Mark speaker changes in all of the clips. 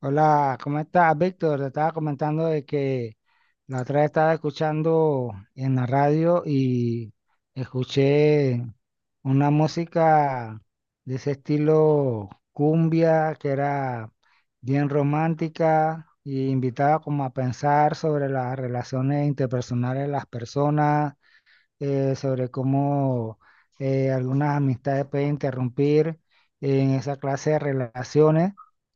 Speaker 1: Hola, ¿cómo estás, Víctor? Te estaba comentando de que la otra vez estaba escuchando en la radio y escuché una música de ese estilo cumbia que era bien romántica y invitaba como a pensar sobre las relaciones interpersonales de las personas, sobre cómo algunas amistades pueden interrumpir en esa clase de relaciones.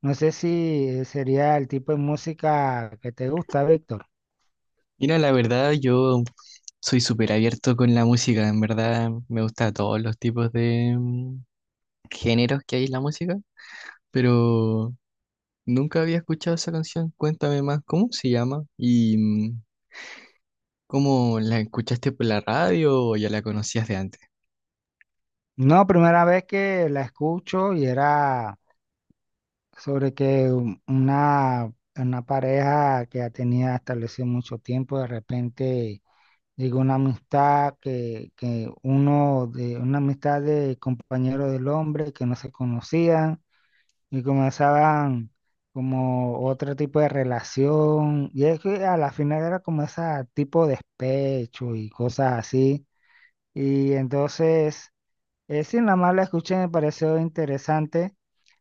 Speaker 1: No sé si sería el tipo de música que te gusta, Víctor.
Speaker 2: Mira, la verdad, yo soy súper abierto con la música. En verdad, me gusta todos los tipos de géneros que hay en la música, pero nunca había escuchado esa canción. Cuéntame más, ¿cómo se llama? ¿Y cómo la escuchaste por la radio o ya la conocías de antes?
Speaker 1: No, primera vez que la escucho y era sobre que una pareja que ya tenía establecido mucho tiempo, de repente llegó una amistad que uno de una amistad de compañero del hombre que no se conocían y comenzaban como otro tipo de relación, y es que a la final era como ese tipo de despecho y cosas así, y entonces, sí, nada más la escuché, me pareció interesante,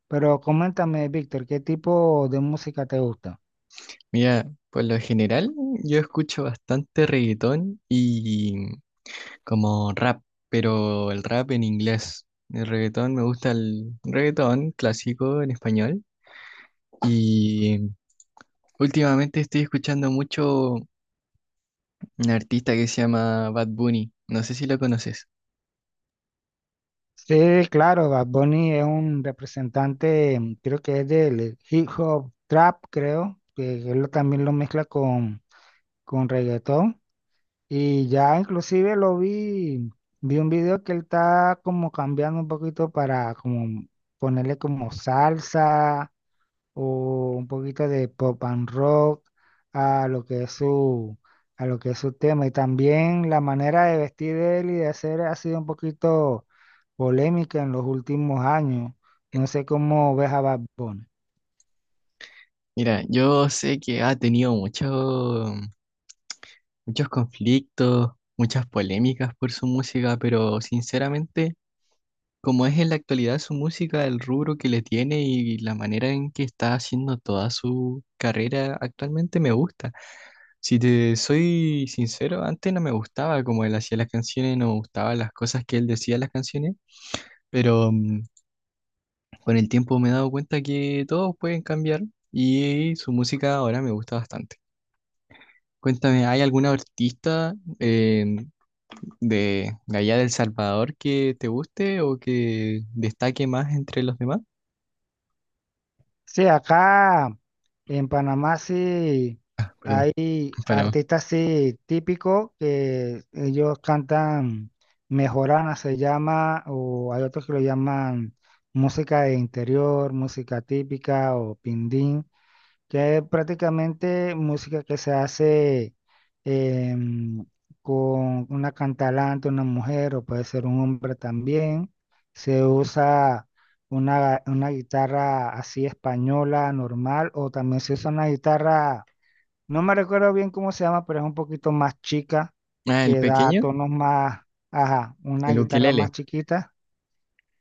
Speaker 1: pero coméntame, Víctor, ¿qué tipo de música te gusta?
Speaker 2: Mira, por lo general, yo escucho bastante reggaetón y como rap, pero el rap en inglés. El reggaetón me gusta el reggaetón clásico en español. Y últimamente estoy escuchando mucho un artista que se llama Bad Bunny. No sé si lo conoces.
Speaker 1: Sí, claro, Bad Bunny es un representante, mm, creo que es del hip hop trap, creo, que también lo mezcla con reggaetón. Y ya inclusive lo vi, vi un video que él está como cambiando un poquito para como ponerle como salsa o un poquito de pop and rock a lo que es a lo que es su tema. Y también la manera de vestir de él y de hacer ha sido un poquito polémica en los últimos años. No sé cómo ves a Bad Bunny.
Speaker 2: Mira, yo sé que ha tenido muchos conflictos, muchas polémicas por su música, pero sinceramente, como es en la actualidad su música, el rubro que le tiene y la manera en que está haciendo toda su carrera actualmente me gusta. Si te soy sincero, antes no me gustaba como él hacía las canciones, no me gustaban las cosas que él decía en las canciones, pero con el tiempo me he dado cuenta que todos pueden cambiar y su música ahora me gusta bastante. Cuéntame, ¿hay algún artista de allá del Salvador que te guste o que destaque más entre los demás?
Speaker 1: Sí, acá. En Panamá sí
Speaker 2: Perdón,
Speaker 1: hay
Speaker 2: Panamá.
Speaker 1: artistas sí típicos que ellos cantan, mejorana se llama, o hay otros que lo llaman música de interior, música típica o pindín, que es prácticamente música que se hace, em, con una cantalante, una mujer o puede ser un hombre también. Se usa una guitarra así española, normal, o también se usa una guitarra, no me recuerdo bien cómo se llama, pero es un poquito más chica,
Speaker 2: Ah, el
Speaker 1: que da
Speaker 2: pequeño,
Speaker 1: tonos más, ajá, una
Speaker 2: el
Speaker 1: guitarra
Speaker 2: ukelele.
Speaker 1: más chiquita.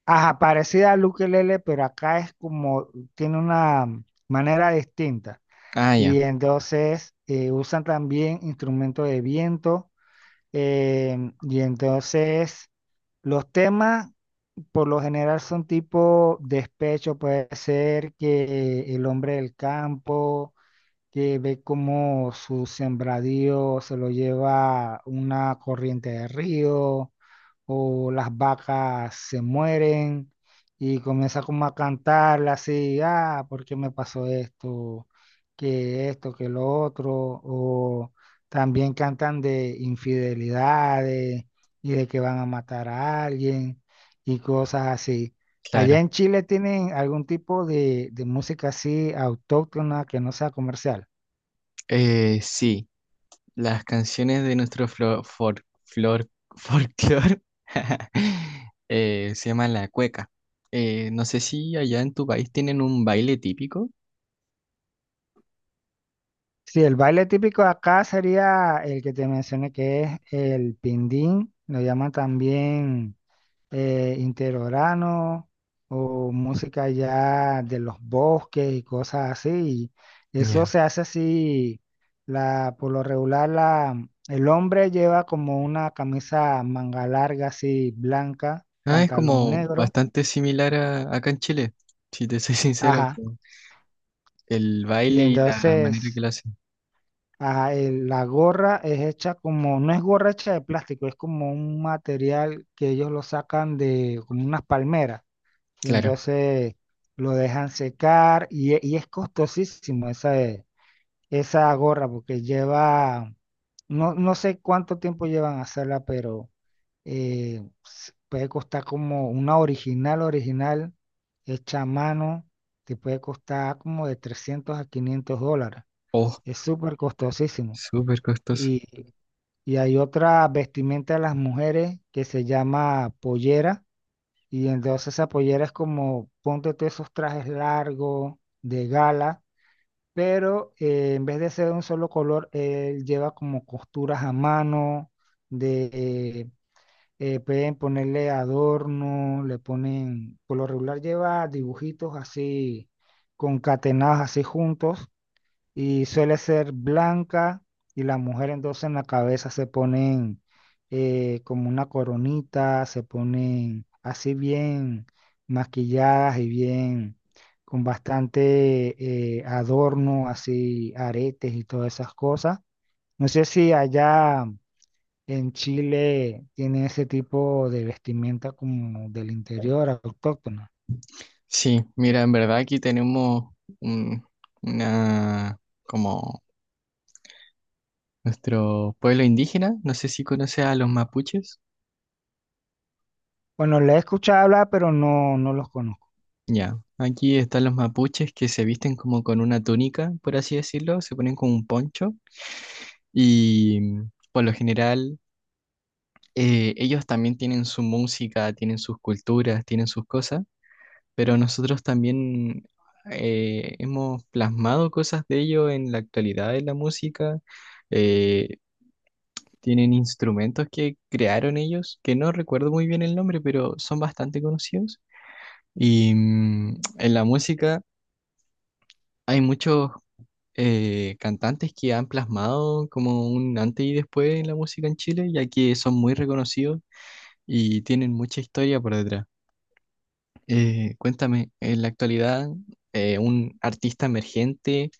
Speaker 1: Ajá, parecida al ukelele, pero acá es como, tiene una manera distinta.
Speaker 2: Ah, ya,
Speaker 1: Y entonces usan también instrumentos de viento. Y entonces los temas por lo general son tipo despecho, puede ser que el hombre del campo, que ve cómo su sembradío se lo lleva una corriente de río o las vacas se mueren y comienza como a cantarle así, ah, ¿por qué me pasó esto? Que esto, que lo otro, o también cantan de infidelidades y de que van a matar a alguien y cosas así. ¿Allá
Speaker 2: claro.
Speaker 1: en Chile tienen algún tipo de música así autóctona que no sea comercial?
Speaker 2: Sí, las canciones de nuestro flor, folclor se llaman la cueca. No sé si allá en tu país tienen un baile típico.
Speaker 1: Sí, el baile típico de acá sería el que te mencioné, que es el pindín, lo llaman también interorano o música ya de los bosques y cosas así. Y eso
Speaker 2: Ya.
Speaker 1: se hace así, por lo regular el hombre lleva como una camisa manga larga así blanca,
Speaker 2: Ah, es
Speaker 1: pantalón
Speaker 2: como
Speaker 1: negro,
Speaker 2: bastante similar a acá en Chile, si te soy sincero,
Speaker 1: ajá,
Speaker 2: como el
Speaker 1: y
Speaker 2: baile y la manera que
Speaker 1: entonces
Speaker 2: lo hacen.
Speaker 1: ajá, la gorra es hecha como, no es gorra hecha de plástico, es como un material que ellos lo sacan de como unas palmeras y
Speaker 2: Claro.
Speaker 1: entonces lo dejan secar, y es costosísimo esa, esa gorra porque lleva, no, no sé cuánto tiempo llevan a hacerla, pero puede costar como una original, original, hecha a mano, te puede costar como de 300 a 500 dólares.
Speaker 2: Oh,
Speaker 1: Es súper costosísimo.
Speaker 2: súper costoso.
Speaker 1: Y, y hay otra vestimenta de las mujeres que se llama pollera. Y entonces esa pollera es como, ponte tú esos trajes largos de gala, pero en vez de ser de un solo color, él lleva como costuras a mano, de pueden ponerle adorno, le ponen, por lo regular lleva dibujitos así, concatenados así juntos, y suele ser blanca, y la mujer entonces en la cabeza se ponen como una coronita, se ponen así bien maquilladas y bien con bastante adorno, así aretes y todas esas cosas. No sé si allá en Chile tienen ese tipo de vestimenta como del interior autóctona.
Speaker 2: Sí, mira, en verdad aquí tenemos un- una, como nuestro pueblo indígena, no sé si conoces a los mapuches.
Speaker 1: Bueno, le he escuchado hablar, pero no, no los conozco.
Speaker 2: Ya, aquí están los mapuches que se visten como con una túnica, por así decirlo, se ponen con un poncho y por lo general ellos también tienen su música, tienen sus culturas, tienen sus cosas, pero nosotros también hemos plasmado cosas de ellos en la actualidad en la música. eh, Tienen instrumentos que crearon ellos, que no recuerdo muy bien el nombre, pero son bastante conocidos. Y en la música hay muchos cantantes que han plasmado como un antes y después en la música en Chile, ya que son muy reconocidos y tienen mucha historia por detrás. Cuéntame, en la actualidad, un artista emergente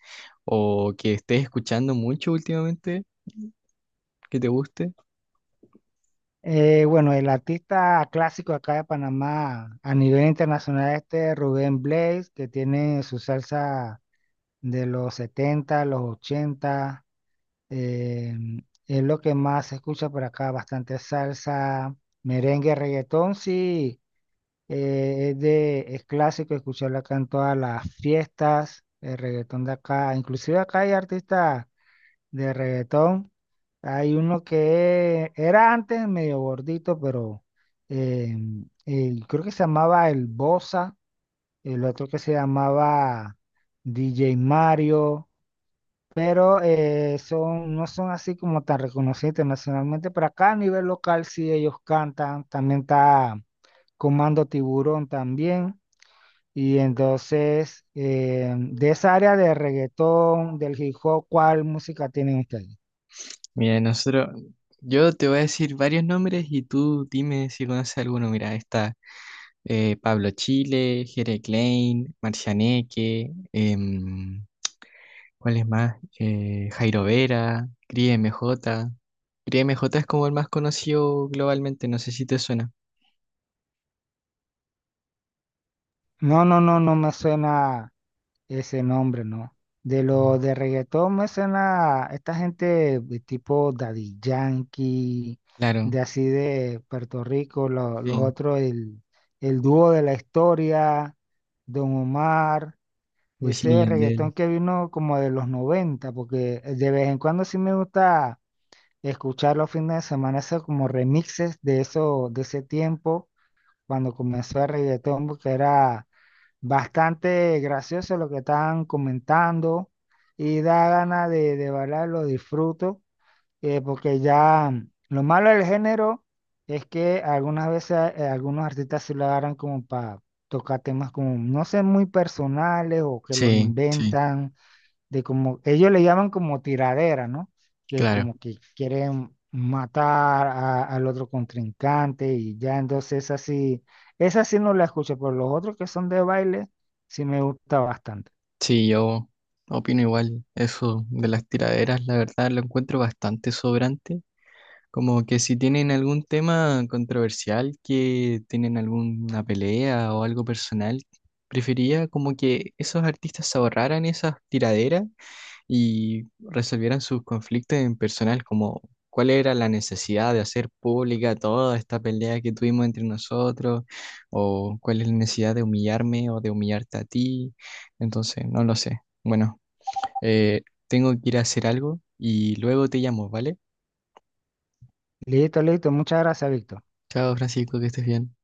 Speaker 2: o que estés escuchando mucho últimamente, que te guste.
Speaker 1: Bueno, el artista clásico acá de Panamá a nivel internacional este Rubén Blades, que tiene su salsa de los 70, los 80, eh, es lo que más se escucha por acá, bastante salsa, merengue, reggaetón, sí, es clásico escucharlo acá en todas las fiestas, el reggaetón de acá, inclusive acá hay artistas de reggaetón. Hay uno que era antes medio gordito, pero eh, creo que se llamaba el Bosa, el otro que se llamaba DJ Mario, pero son, no son así como tan reconocidos internacionalmente, pero acá a nivel local sí ellos cantan, también está Comando Tiburón también. Y entonces, de esa área de reggaetón, del hip hop, ¿cuál música tienen ustedes?
Speaker 2: Mira, nosotros, yo te voy a decir varios nombres y tú dime si conoces alguno. Mira, está Pablo Chile, Jere Klein, Marcianeque, ¿cuál es más? Jairo Vera, Cris MJ. Cris M J es como el más conocido globalmente, no sé si te suena.
Speaker 1: No, no, no, no me suena ese nombre, no. De
Speaker 2: Ya.
Speaker 1: lo de reggaetón me suena esta gente de tipo Daddy Yankee,
Speaker 2: Claro,
Speaker 1: de así de Puerto Rico, los
Speaker 2: sí.
Speaker 1: otros, el dúo de la historia, Don Omar,
Speaker 2: Wisin y
Speaker 1: ese
Speaker 2: Yandel.
Speaker 1: reggaetón que vino como de los 90, porque de vez en cuando sí me gusta escuchar los fines de semana, esos como remixes de eso, de ese tiempo, cuando comenzó el reggaetón, porque era bastante gracioso lo que están comentando y da ganas de bailar, lo disfruto, porque ya mm, lo malo del género es que algunas veces algunos artistas se lo agarran como para tocar temas como, no sé, muy personales o que los
Speaker 2: Sí, sí,
Speaker 1: inventan de como ellos le llaman como tiradera, ¿no? Que
Speaker 2: claro.
Speaker 1: como que quieren al otro contrincante y ya entonces esa sí no la escucho, pero los otros que son de baile sí me gusta bastante.
Speaker 2: Sí, yo opino igual. Eso de las tiraderas, la verdad, lo encuentro bastante sobrante. Como que si tienen algún tema controversial, que tienen alguna pelea o algo personal, prefería como que esos artistas se ahorraran esas tiraderas y resolvieran sus conflictos en personal, como cuál era la necesidad de hacer pública toda esta pelea que tuvimos entre nosotros, o cuál es la necesidad de humillarme o de humillarte a ti. Entonces, no lo sé. Bueno, eh, tengo que ir a hacer algo y luego te llamo, ¿vale?
Speaker 1: Listo, listo, muchas gracias, Víctor.
Speaker 2: Chao, Francisco, que estés bien.